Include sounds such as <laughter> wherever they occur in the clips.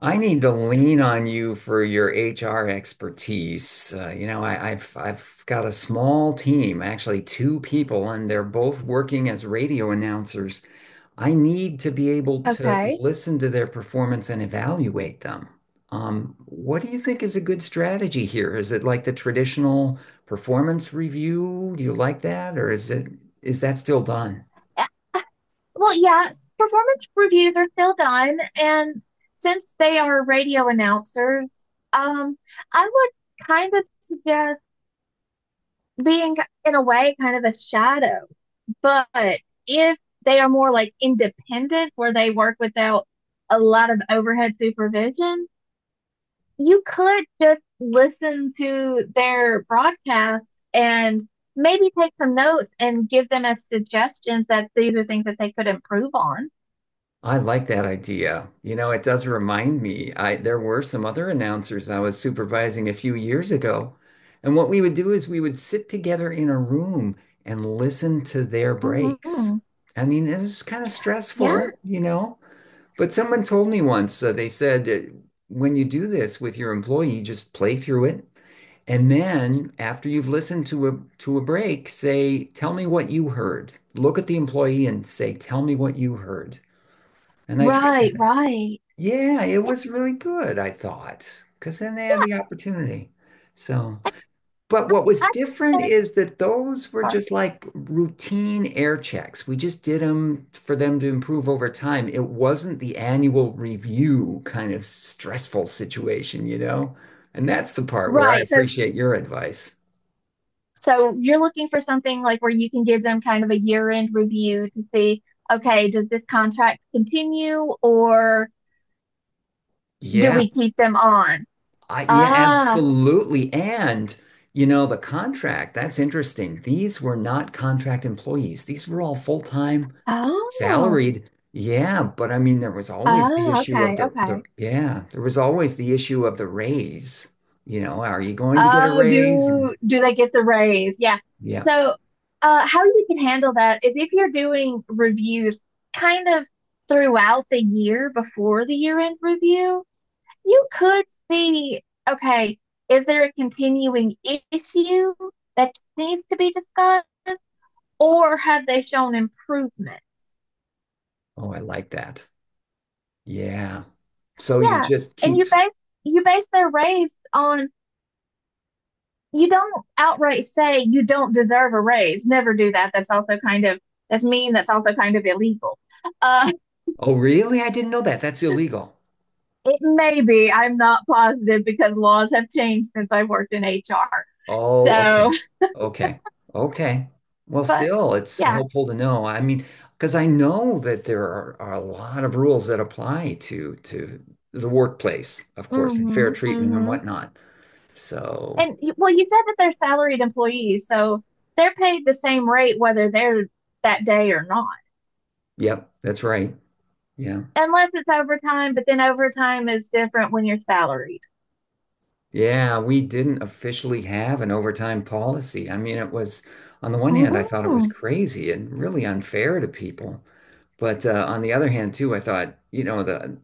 I need to lean on you for your HR expertise. I've got a small team, actually two people, and they're both working as radio announcers. I need to be able to Okay. listen to their performance and evaluate them. What do you think is a good strategy here? Is it like the traditional performance review? Do you like that, or is that still done? Uh, yeah, performance reviews are still done, and since they are radio announcers, um, I would kind of suggest being, in a way, kind of a shadow. But if they are more like independent, where they work without a lot of overhead supervision, you could just listen to their broadcast and maybe take some notes and give them as suggestions that these are things that they could improve on. I like that idea. You know, it does remind me. I There were some other announcers I was supervising a few years ago, and what we would do is we would sit together in a room and listen to their breaks. Hmm. I mean, it was kind of Yeah, stressful, you know, but someone told me once, they said when you do this with your employee, just play through it, and then after you've listened to a break, say, "Tell me what you heard." Look at the employee and say, "Tell me what you heard." And I tried right, that. right. Yeah, it Yeah, was really good, I thought, because then they had yeah. the opportunity. So, but what I was think different is that those were sorry. just like routine air checks. We just did them for them to improve over time. It wasn't the annual review kind of stressful situation, you know? And that's the part where I Right. So, appreciate your advice. so you're looking for something like where you can give them kind of a year-end review to see, okay, does this contract continue or do Yeah. we keep them on? I, yeah, Ah, absolutely. And, you know, the contract, that's interesting. These were not contract employees. These were all full-time oh, salaried. Yeah, but I mean, there was always the ah, issue of okay, okay. the yeah, there was always the issue of the raise. You know, are you going to get a Oh, raise? And do they get the raise? Yeah. yeah. So, how you can handle that is if you're doing reviews kind of throughout the year before the year-end review, you could see, okay, is there a continuing issue that needs to be discussed, or have they shown improvement? Oh, I like that. Yeah. So you Yeah, just and keep, you base their raise on you don't outright say you don't deserve a raise. Never do that. That's mean. That's also kind of illegal. Uh, oh, really? I didn't know that. That's illegal. <laughs> it may be. I'm not positive because laws have changed since I worked in HR. Oh, So, okay. Okay. Okay. Well, but still, it's yeah. helpful to know. I mean, because I know that are a lot of rules that apply to the workplace, of course, and fair Mm-hmm. treatment and Mm-hmm. whatnot. So, And well, you said that they're salaried employees, so they're paid the same rate whether they're that day or not, yep, that's right. Yeah. unless it's overtime. But then overtime is different when you're salaried. Yeah, we didn't officially have an overtime policy. I mean, it was, on the one hand, I thought it was Mm. crazy and really unfair to people. But on the other hand, too, I thought, you know, the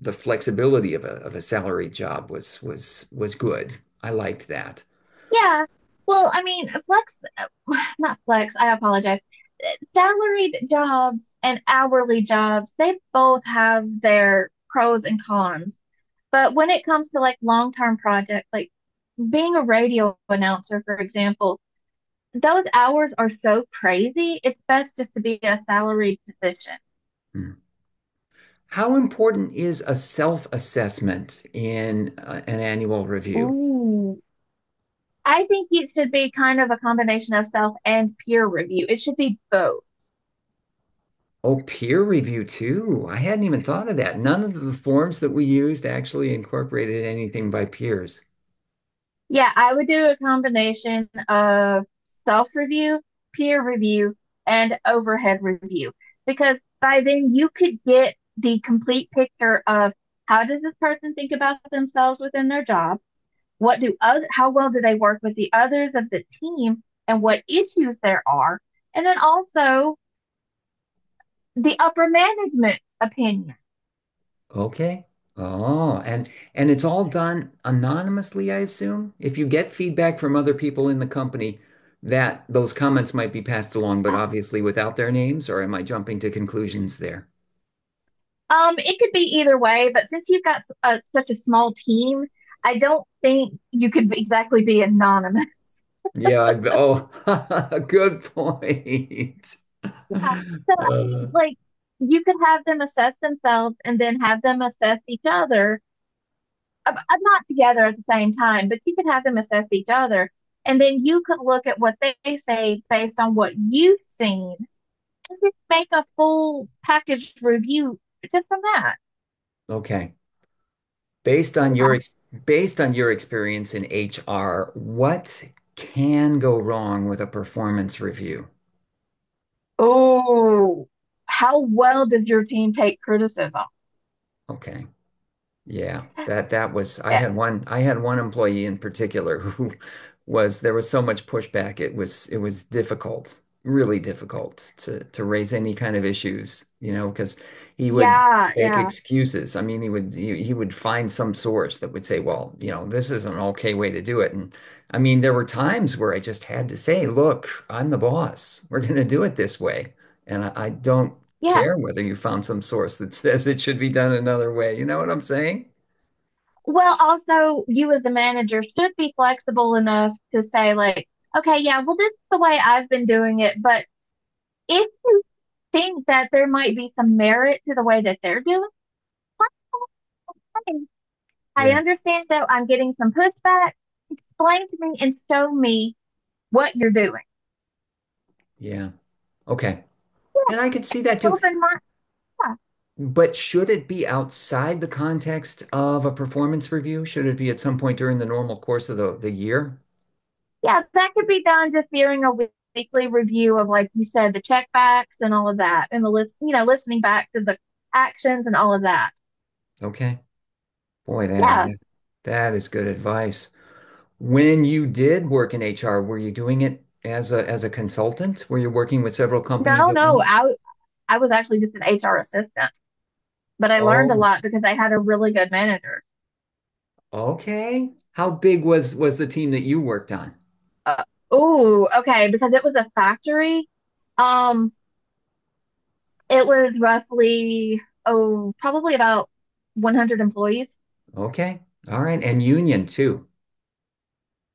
the flexibility of a salary job was good. I liked that. Yeah. Well, I mean, flex, <sighs> Not flex, I apologize. Salaried jobs and hourly jobs, they both have their pros and cons. But when it comes to like long-term projects, like being a radio announcer, for example, those hours are so crazy. It's best just to be a salaried position. Hmm. How important is a self-assessment in an annual review? Ooh. I think it should be kind of a combination of self and peer review. It should be both. Oh, peer review too. I hadn't even thought of that. None of the forms that we used actually incorporated anything by peers. Yeah, I would do a combination of self-review, peer review, and overhead review because by then you could get the complete picture of how does this person think about themselves within their job? How well do they work with the others of the team and what issues there are? And then also the upper management opinion. Okay. Oh, and it's all done anonymously, I assume. If you get feedback from other people in the company, that those comments might be passed along, but obviously without their names, or am I jumping to conclusions there? It could be either way, but since you've got such a small team, I don't think you could exactly be anonymous. Oh, <laughs> good point. <laughs> Yeah. <laughs> So, I Uh, mean, like, you could have them assess themselves and then have them assess each other. Not together at the same time, but you could have them assess each other. And then you could look at what they say based on what you've seen and just make a full package review just from that. okay. Based on your Yeah. ex Based on your experience in HR, what can go wrong with a performance review? Oh, how well does your team take criticism? Okay. Yeah, that that was I had one employee in particular <laughs> who was there was so much pushback; it was difficult, really difficult to raise any kind of issues, you know, because he would Yeah, make yeah, excuses. I mean, he would find some source that would say, well, you know, this is an okay way to do it. And I mean, there were times where I just had to say, look, I'm the boss. We're going to do it this way. And I don't yeah. care whether you found some source that <laughs> says it should be done another way. You know what I'm saying? Well, also, you as the manager should be flexible enough to say, like, okay, yeah, well, this is the way I've been doing it, but if you think that there might be some merit to the way that they're doing it, fine. I Yeah. understand that I'm getting some pushback. Explain to me and show me what you're doing. Yeah. Okay. And I could see that too. Open my, Yeah, But should it be outside the context of a performance review? Should it be at some point during the normal course of the year? yeah, that could be done just during a weekly review of, like you said, the checkbacks and all of that, and the listening back to the actions and all of that. Okay. Boy, Yeah. that is good advice. When you did work in HR, were you doing it as a consultant? Were you working with several companies No, at no. Once? I was actually just an HR assistant, but I learned a Oh, lot because I had a really good manager. okay. How big was the team that you worked on? Uh, oh, okay, because it was a factory. Um, it was roughly oh, probably about 100 employees. Okay. All right. And union too.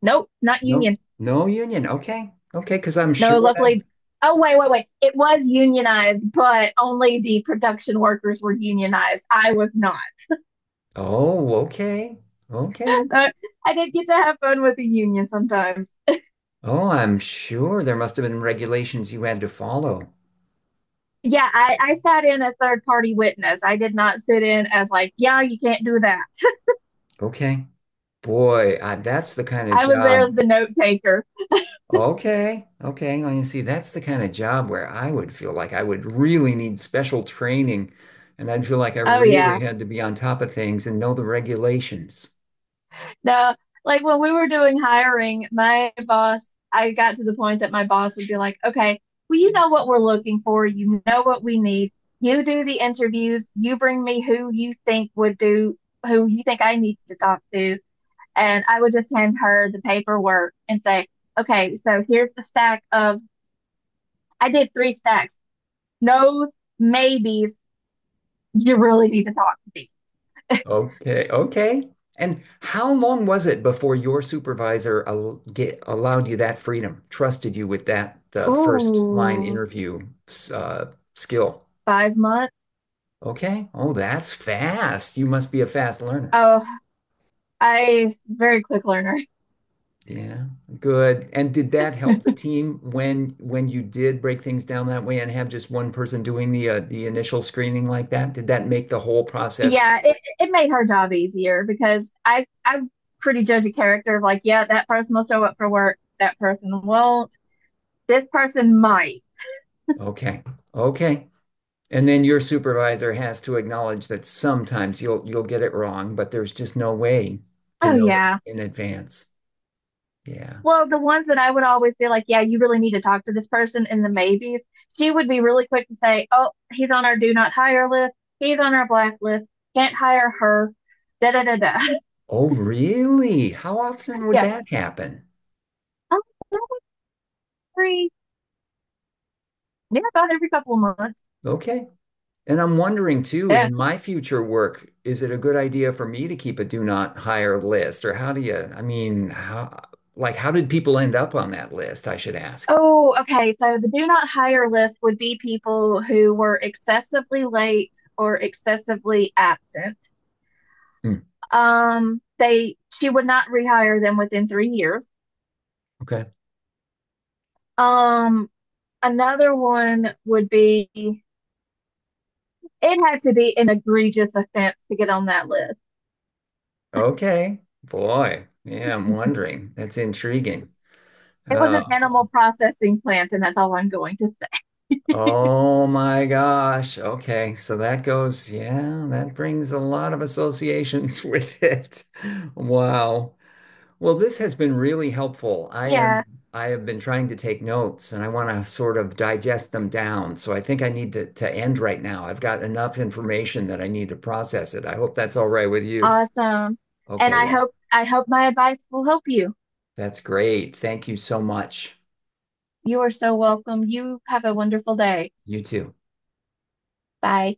Nope, not No, union. no union. Okay. Okay. Because I'm No, sure that. luckily. Oh, wait, wait, wait. It was unionized, but only the production workers were unionized. I was not. Oh, okay. Okay. <laughs> I didn't get to have fun with the union sometimes. Oh, I'm sure there must have been regulations you had to follow. Yeah, I sat in as third party witness. I did not sit in as like, yeah, you can't do that. Okay. Boy, that's the kind of I was there job. as the note taker. Okay. Okay. Well, you see, that's the kind of job where I would feel like I would really need special training and I'd feel like I Oh really yeah. had to be on top of things and know the regulations. No, like when we were doing hiring, my boss, I got to the point that my boss would be like, okay, well, you know what we're looking for. You know what we need. You do the interviews. You bring me who you think would do, who you think I need to talk to. And I would just hand her the paperwork and say, okay, so here's the stack of, I did three stacks, no's, maybes. You really need to talk to me. Okay, okay. And how long was it before your supervisor allowed you that freedom, trusted you with that first line Ooh, interview skill? 5 months. Okay. Oh, that's fast. You must be a fast learner. Oh, I very quick learner. Yeah, good. And did that help the team when you did break things down that way and have just one person doing the initial screening like that? Did that make the whole process? Yeah, it made her job easier because I pretty judge a character of like, yeah, that person will show up for work, that person won't, this person might. Okay. Okay. And then your supervisor has to acknowledge that sometimes you'll get it wrong, but there's just no way to Oh know it yeah. in advance. Yeah. Well, the ones that I would always be like, yeah, you really need to talk to this person in the maybes, she would be really quick to say, oh, he's on our do not hire list, he's on our blacklist, can't hire her, da da da da. Oh, really? How often would Yeah. that happen? Oh, every, yeah, about every couple of months. Okay. And I'm wondering too, Yeah. in my future work, is it a good idea for me to keep a do not hire list? Or how do you, I mean, how, like, how did people end up on that list? I should ask. Oh, okay. So the do not hire list would be people who were excessively late or excessively absent. Hmm, They She would not rehire them within 3 years. okay. Um, Another one would be it had to be an egregious offense to get on that list. Okay. Boy. Yeah, I'm wondering. That's intriguing. It was an animal Oh. processing plant, and that's all I'm going to say. Oh my gosh. Okay. So that goes, yeah, that brings a lot of associations <laughs> with it. Wow. Well, this has been really helpful. Yeah, I have been trying to take notes and I want to sort of digest them down. So I think I need to end right now. I've got enough information that I need to process it. I hope that's all right with you. awesome. And Okay, well, I hope my advice will help you. that's great. Thank you so much. You are so welcome. You have a wonderful day. You too. Bye.